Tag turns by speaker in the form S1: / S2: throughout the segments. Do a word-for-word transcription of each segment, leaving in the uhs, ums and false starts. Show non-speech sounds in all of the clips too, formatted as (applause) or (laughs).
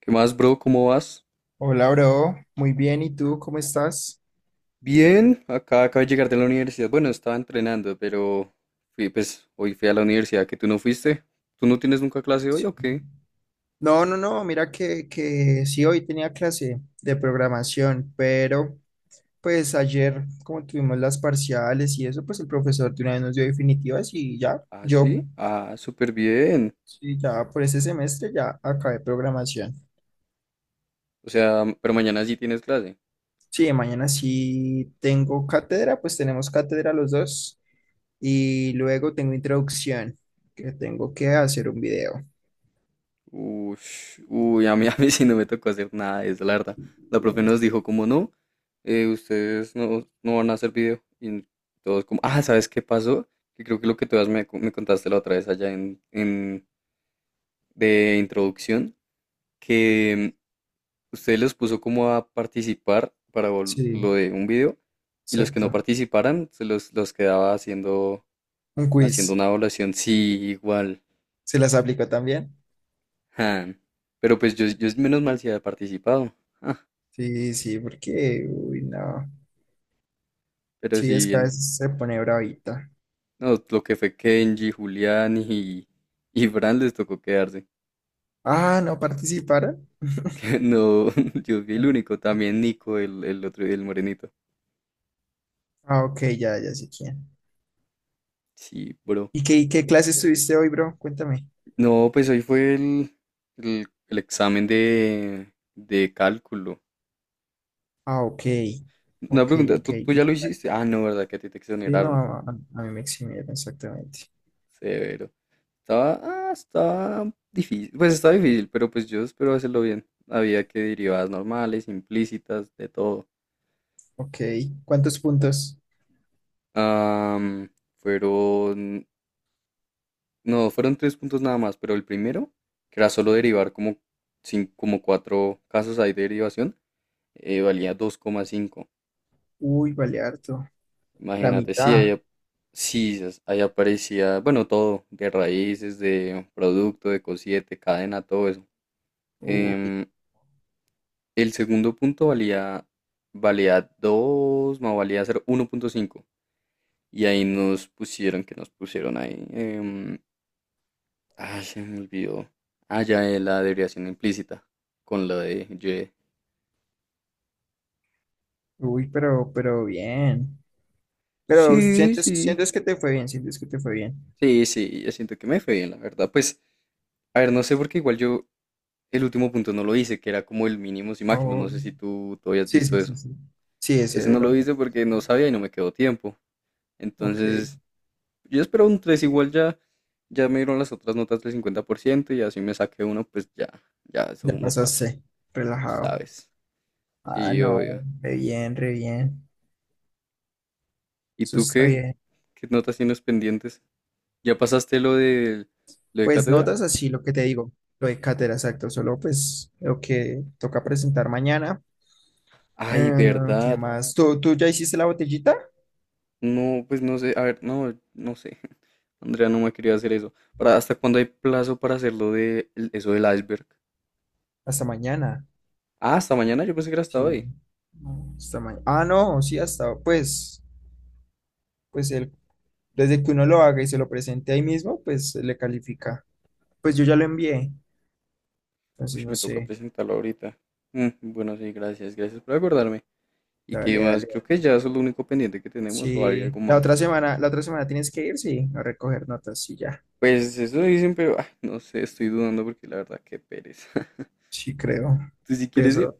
S1: ¿Qué más, bro? ¿Cómo vas?
S2: Hola, bro. Muy bien. ¿Y tú cómo estás?
S1: Bien, acá acabo de llegar de la universidad. Bueno, estaba entrenando, pero fui, pues hoy fui a la universidad que tú no fuiste. ¿Tú no tienes nunca clase hoy
S2: Sí.
S1: o qué?
S2: No, no, no. Mira que, que sí, hoy tenía clase de programación, pero pues ayer, como tuvimos las parciales y eso, pues el profesor de una vez nos dio definitivas y ya,
S1: Ah,
S2: yo,
S1: sí. Ah, súper bien.
S2: sí, ya por ese semestre ya acabé programación.
S1: O sea, pero mañana sí tienes clase.
S2: Sí, mañana sí tengo cátedra, pues tenemos cátedra los dos y luego tengo introducción, que tengo que hacer un video.
S1: Ush, uy, a mí, (laughs) a mí sí no me tocó hacer nada de eso, la verdad. La profe nos dijo, como no, eh, ustedes no, no van a hacer video. Y todos como, ah, ¿sabes qué pasó? Que creo que lo que tú me, me contaste la otra vez allá en, en, de introducción que usted los puso como a participar para vol-
S2: Sí,
S1: lo de un video y los que no
S2: exacto.
S1: participaran se los, los quedaba haciendo,
S2: Un
S1: haciendo
S2: quiz.
S1: una evaluación. Sí, igual.
S2: ¿Se las aplicó también?
S1: Ja. Pero pues yo, yo menos mal si había participado. Ja.
S2: Sí, sí, porque, uy, no.
S1: Pero
S2: Sí,
S1: si
S2: es que a
S1: bien,
S2: veces se pone bravita.
S1: no, lo que fue Kenji, Julián y, y Fran les tocó quedarse.
S2: Ah, ¿no participaron?
S1: (laughs) No, yo fui el único,
S2: Ah,
S1: también Nico, el, el otro, el morenito.
S2: ah, ok, ya, ya sé quién.
S1: Sí, bro.
S2: ¿Y qué, qué clase estuviste hoy, bro? Cuéntame.
S1: No, pues hoy fue el, el, el examen de, de cálculo.
S2: Ah, ok.
S1: Una
S2: Ok,
S1: pregunta,
S2: ok.
S1: ¿tú, tú
S2: Y,
S1: ya lo hiciste? Ah, no, ¿verdad? Que a ti te
S2: sí, no,
S1: exoneraron.
S2: a, a- mí me eximieron exactamente.
S1: Severo. Estaba, ah, estaba difícil. Pues estaba difícil, pero pues yo espero hacerlo bien. Había que derivadas normales, implícitas, de todo.
S2: Ok. ¿Cuántos puntos?
S1: Am, fueron, no, fueron tres puntos nada más, pero el primero, que era solo derivar como, cin- como cuatro casos ahí de derivación, eh, valía dos coma cinco.
S2: Uy, vale harto. La
S1: Imagínate, sí, ahí,
S2: mitad.
S1: ap- sí, es- ahí aparecía, bueno, todo, de raíces, de producto, de cosiete, cadena, todo eso.
S2: Uy,
S1: Em, el segundo punto valía, valía dos, más valía ser cinco. Y ahí nos pusieron, que nos pusieron ahí, em, ay, se me olvidó. Ah, ya, eh, la derivación implícita, con lo de ye.
S2: uy, pero, pero bien. Pero
S1: Sí,
S2: sientes,
S1: sí.
S2: sientes que te fue bien, sientes que te fue bien.
S1: Sí, sí, yo siento que me fue bien, la verdad. Pues, a ver, no sé, porque igual yo, el último punto no lo hice, que era como el mínimos y máximos. No
S2: Oh.
S1: sé si tú, tú habías
S2: Sí,
S1: visto
S2: sí, sí,
S1: eso.
S2: sí. Sí, ese es
S1: Ese no
S2: el
S1: lo
S2: orden.
S1: hice porque no sabía y no me quedó tiempo.
S2: Ok,
S1: Entonces, yo esperaba un tres igual ya. Ya me dieron las otras notas del cincuenta por ciento y así me saqué uno, pues ya, ya eso
S2: ya
S1: uno pasa,
S2: pasaste.
S1: tú
S2: Relajado.
S1: sabes.
S2: Ah,
S1: Sí,
S2: no,
S1: obvio.
S2: re bien, re bien.
S1: ¿Y
S2: Eso
S1: tú
S2: está
S1: qué?
S2: bien.
S1: ¿Qué notas tienes pendientes? ¿Ya pasaste lo de, lo de
S2: Pues
S1: cátedra?
S2: notas así lo que te digo, lo de cátedra, exacto. Solo pues lo que toca presentar mañana.
S1: Ay,
S2: Eh, ¿qué
S1: verdad.
S2: más? ¿Tú, tú ya hiciste la botellita?
S1: No, pues no sé, a ver, no, no sé. (laughs) Andrea no me quería hacer eso. ¿Para hasta cuándo hay plazo para hacerlo de el- eso del iceberg?
S2: Hasta mañana.
S1: Ah, hasta mañana, yo pensé que era hasta
S2: Sí.
S1: hoy.
S2: No, hasta mañana. Ah, no, sí, hasta pues, pues el, desde que uno lo haga y se lo presente ahí mismo, pues le califica. Pues yo ya lo envié.
S1: Uy,
S2: Entonces no
S1: me toca
S2: sé.
S1: presentarlo ahorita. Mm, bueno, sí, gracias, gracias por acordarme. ¿Y qué
S2: Dale,
S1: más?
S2: dale.
S1: Creo que ya eso es lo único pendiente que tenemos o hay algo
S2: Sí, la
S1: más.
S2: otra semana, la otra semana tienes que ir, sí, a recoger notas y ya.
S1: Pues eso dicen, pero ah, no sé, estoy dudando porque la verdad, qué pereza. (laughs)
S2: Sí, creo.
S1: ¿Tú si quieres ir?
S2: Peso.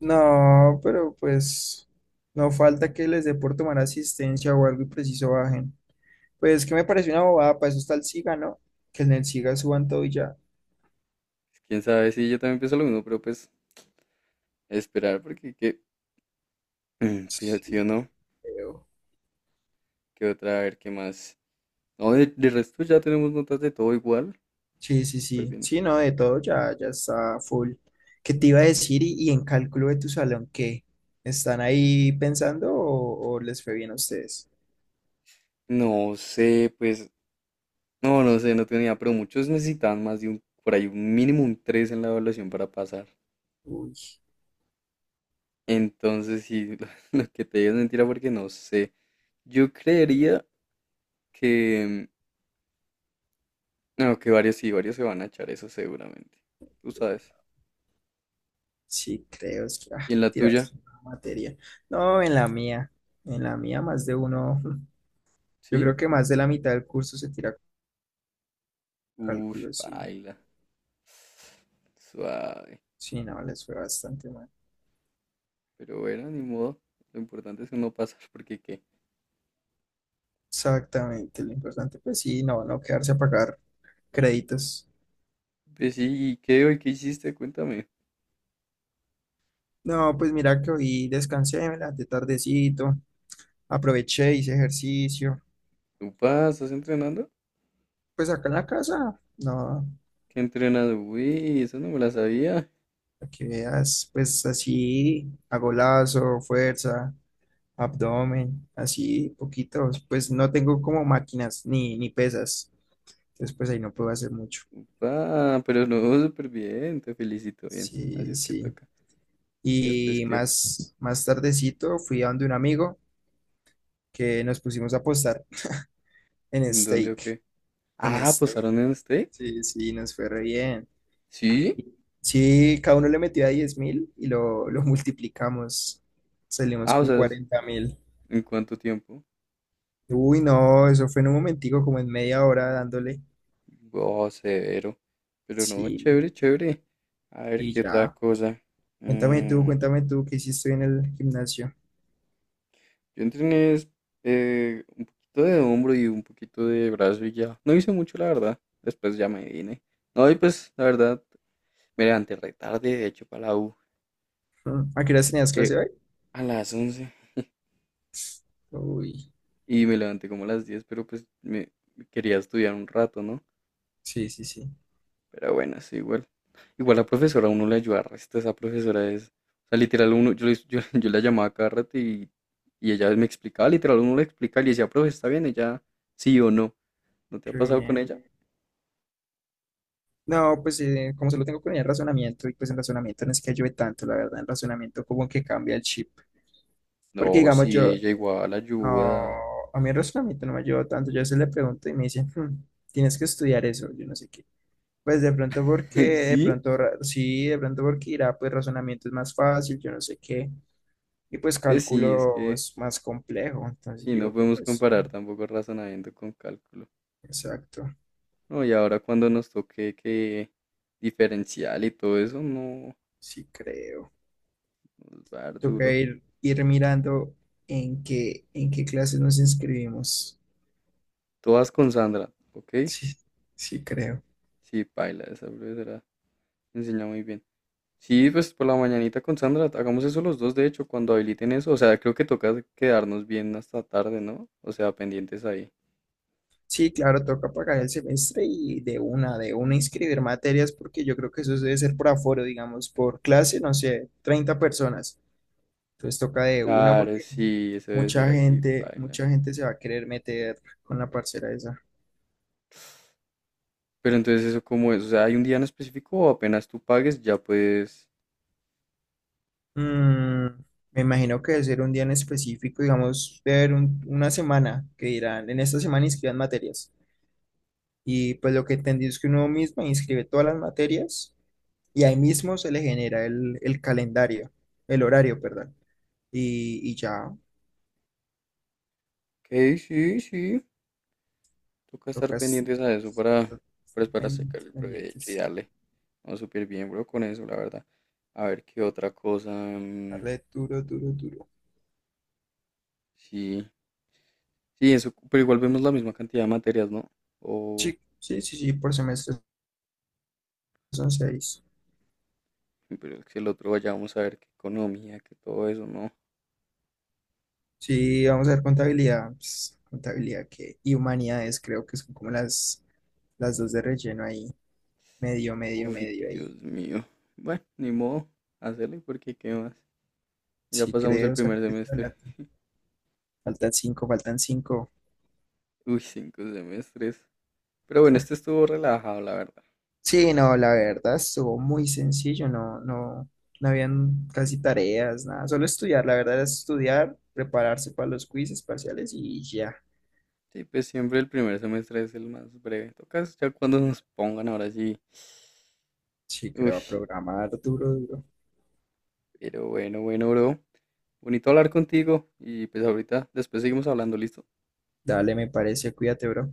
S2: No, pero pues no falta que les dé por tomar asistencia o algo y preciso bajen. Pues que me parece una bobada, para eso está el SIGA, ¿no? Que en el SIGA suban todo y ya.
S1: Quién sabe, sí, yo también pienso lo mismo, pero pues esperar porque qué. Mm,
S2: Sí,
S1: pues, sí o no,
S2: creo.
S1: qué otra, a ver qué más. No, de, de resto ya tenemos notas de todo igual.
S2: Sí, sí,
S1: Súper
S2: sí.
S1: bien.
S2: Sí, no, de todo ya, ya está full. ¿Qué te iba a decir? Y, y en cálculo de tu salón, ¿qué? ¿Están ahí pensando o, o les fue bien a ustedes?
S1: No sé, pues, no, no sé, no tenía, pero muchos necesitaban más de un, por ahí un mínimo un tres en la evaluación para pasar.
S2: Uy.
S1: Entonces, sí, (laughs) lo, lo que te digo es mentira porque no sé. Yo creería que, mm, no, que varios sí, varios se van a echar eso seguramente. Tú sabes.
S2: Sí, creo, es que ah,
S1: ¿Y en la tuya?
S2: tirarse una materia. No, en la mía, en la mía más de uno, (laughs) yo
S1: ¿Sí?
S2: creo que más de la mitad del curso se tira
S1: Uf,
S2: cálculo, sí.
S1: baila. Suave.
S2: Sí, no, les fue bastante mal.
S1: Pero bueno, ni modo. Lo importante es uno pasar porque qué.
S2: Exactamente, lo importante, pues sí, no, no quedarse a pagar créditos.
S1: Pues sí, ¿y qué hoy qué hiciste? Cuéntame.
S2: No, pues mira que hoy descansé, me levanté tardecito, aproveché, hice ejercicio.
S1: Upa, ¿estás entrenando?
S2: Pues acá en la casa, no,
S1: ¿Qué entrenado? Uy, eso no me la sabía.
S2: para que veas, pues así, hago lazo, fuerza, abdomen, así poquitos, pues no tengo como máquinas ni, ni pesas, entonces pues ahí no puedo hacer mucho.
S1: Upa, pero no, súper bien, te felicito, bien. Así
S2: Sí,
S1: es que
S2: sí.
S1: toca. ¿Y después
S2: Y
S1: qué?
S2: más, más tardecito fui a donde un amigo que nos pusimos a apostar en
S1: ¿En dónde o
S2: steak,
S1: qué?
S2: en
S1: Ah,
S2: steak.
S1: ¿posaron en steak?
S2: Sí, sí, nos fue re bien.
S1: ¿Sí?
S2: Y sí, cada uno le metió a 10 mil y lo, lo multiplicamos, salimos
S1: Ah, o
S2: con
S1: sea,
S2: cuarenta mil.
S1: ¿en cuánto tiempo?
S2: Uy, no, eso fue en un momentico, como en media hora dándole.
S1: Oh, severo. Pero no,
S2: Sí,
S1: chévere, chévere. A ver,
S2: y
S1: ¿qué otra
S2: ya.
S1: cosa?
S2: Cuéntame tú,
S1: Mm,
S2: cuéntame tú, ¿qué hiciste hoy en el gimnasio? (laughs)
S1: yo entrené es, eh, un poquito de hombro y un poquito de brazo y ya. No hice mucho, la verdad. Después ya me vine. No, y pues, la verdad, me levanté re tarde, de hecho, para la U,
S2: Mm, ¿a qué horas tenías
S1: eh,
S2: clase hoy?
S1: a las once.
S2: Uy,
S1: Y me levanté como a las diez, pero pues me quería estudiar un rato, ¿no?
S2: sí, sí, sí,
S1: Pero bueno, sí, igual. Igual la profesora, a uno le ayuda resto. Esa profesora es, o sea, literal, uno, yo, le- yo, (laughs) yo la llamaba cada rato y, y ella me explicaba, literal, uno le explicaba y le decía, profe, está bien, ella sí o no. ¿No te ha
S2: qué
S1: pasado con
S2: bien.
S1: ella?
S2: No, pues eh, como solo tengo con el razonamiento, y pues el razonamiento no es que ayude tanto, la verdad, el razonamiento como que cambia el chip. Porque
S1: No,
S2: digamos yo,
S1: sí, ella igual
S2: no,
S1: ayuda.
S2: a mí el razonamiento no me ayuda tanto, yo a veces le pregunto y me dicen, "Hmm, tienes que estudiar eso, yo no sé qué." Pues de pronto
S1: (laughs)
S2: porque,
S1: ¿Y
S2: de
S1: sí?
S2: pronto ra- sí, de pronto porque irá, pues razonamiento es más fácil, yo no sé qué. Y pues
S1: Pues sí, es
S2: cálculo
S1: que
S2: es más complejo, entonces
S1: sí, no
S2: digo que
S1: podemos
S2: pues,
S1: comparar tampoco razonamiento con cálculo.
S2: exacto,
S1: No, y ahora cuando nos toque que diferencial y todo eso, no,
S2: sí creo.
S1: nos va a dar
S2: Toca
S1: duro.
S2: ir, ir mirando en qué, en qué clases nos inscribimos.
S1: Todas con Sandra, ¿ok?
S2: Sí, sí creo.
S1: Sí, paila, esa profesora enseña muy bien. Sí, pues por la mañanita con Sandra, hagamos eso los dos, de hecho, cuando habiliten eso. O sea, creo que toca quedarnos bien hasta tarde, ¿no? O sea, pendientes ahí.
S2: Sí, claro, toca pagar el semestre y de una, de una inscribir materias, porque yo creo que eso debe ser por aforo, digamos, por clase, no sé, treinta personas. Entonces toca de una
S1: Claro,
S2: porque
S1: sí, eso debe ser
S2: mucha
S1: así,
S2: gente,
S1: paila.
S2: mucha gente se va a querer meter con la parcera esa.
S1: Pero entonces eso cómo es, o sea, hay un día en específico o apenas tú pagues, ya puedes.
S2: Mm, me imagino que debe ser un día en específico, digamos, debe haber un- una semana que dirán, en esta semana inscriban materias. Y pues lo que entendí es que uno mismo inscribe todas las materias y ahí mismo se le genera el, el calendario, el horario, perdón. Y, y ya
S1: Ok, sí, sí, toca estar
S2: tocas
S1: pendientes a eso para,
S2: exacto, estar
S1: pues para
S2: pen-
S1: sacar el provecho y
S2: pendientes,
S1: darle. No, súper bien, bro, con eso, la verdad. A ver qué otra cosa. Mm,
S2: darle duro, duro, duro.
S1: sí, sí, eso, pero igual vemos la misma cantidad de materias, ¿no? O,
S2: Sí, sí, sí, sí, por semestre son seis.
S1: pero es que el otro vaya, vamos a ver qué economía, que todo eso, ¿no?
S2: Sí, vamos a ver contabilidad, pues, contabilidad que, y humanidades creo que son como las Las dos de relleno ahí. Medio, medio,
S1: Uy,
S2: medio ahí.
S1: Dios mío. Bueno, ni modo, hacerle porque qué más. Ya
S2: Sí,
S1: pasamos el
S2: creo,
S1: primer
S2: saca eso
S1: semestre.
S2: adelante. Faltan cinco, faltan cinco.
S1: Uy, cinco semestres. Pero bueno, este estuvo relajado, la verdad.
S2: Sí, no, la verdad estuvo muy sencillo, no, no, no habían casi tareas, nada, solo estudiar, la verdad era estudiar, prepararse para los quizzes parciales y ya.
S1: Sí, pues siempre el primer semestre es el más breve. Tocas ya cuando nos pongan ahora sí.
S2: Sí, creo,
S1: Uy,
S2: a programar duro, duro.
S1: pero bueno, bueno, bro. Bonito hablar contigo y pues ahorita después seguimos hablando, ¿listo?
S2: Dale, me parece, cuídate, bro.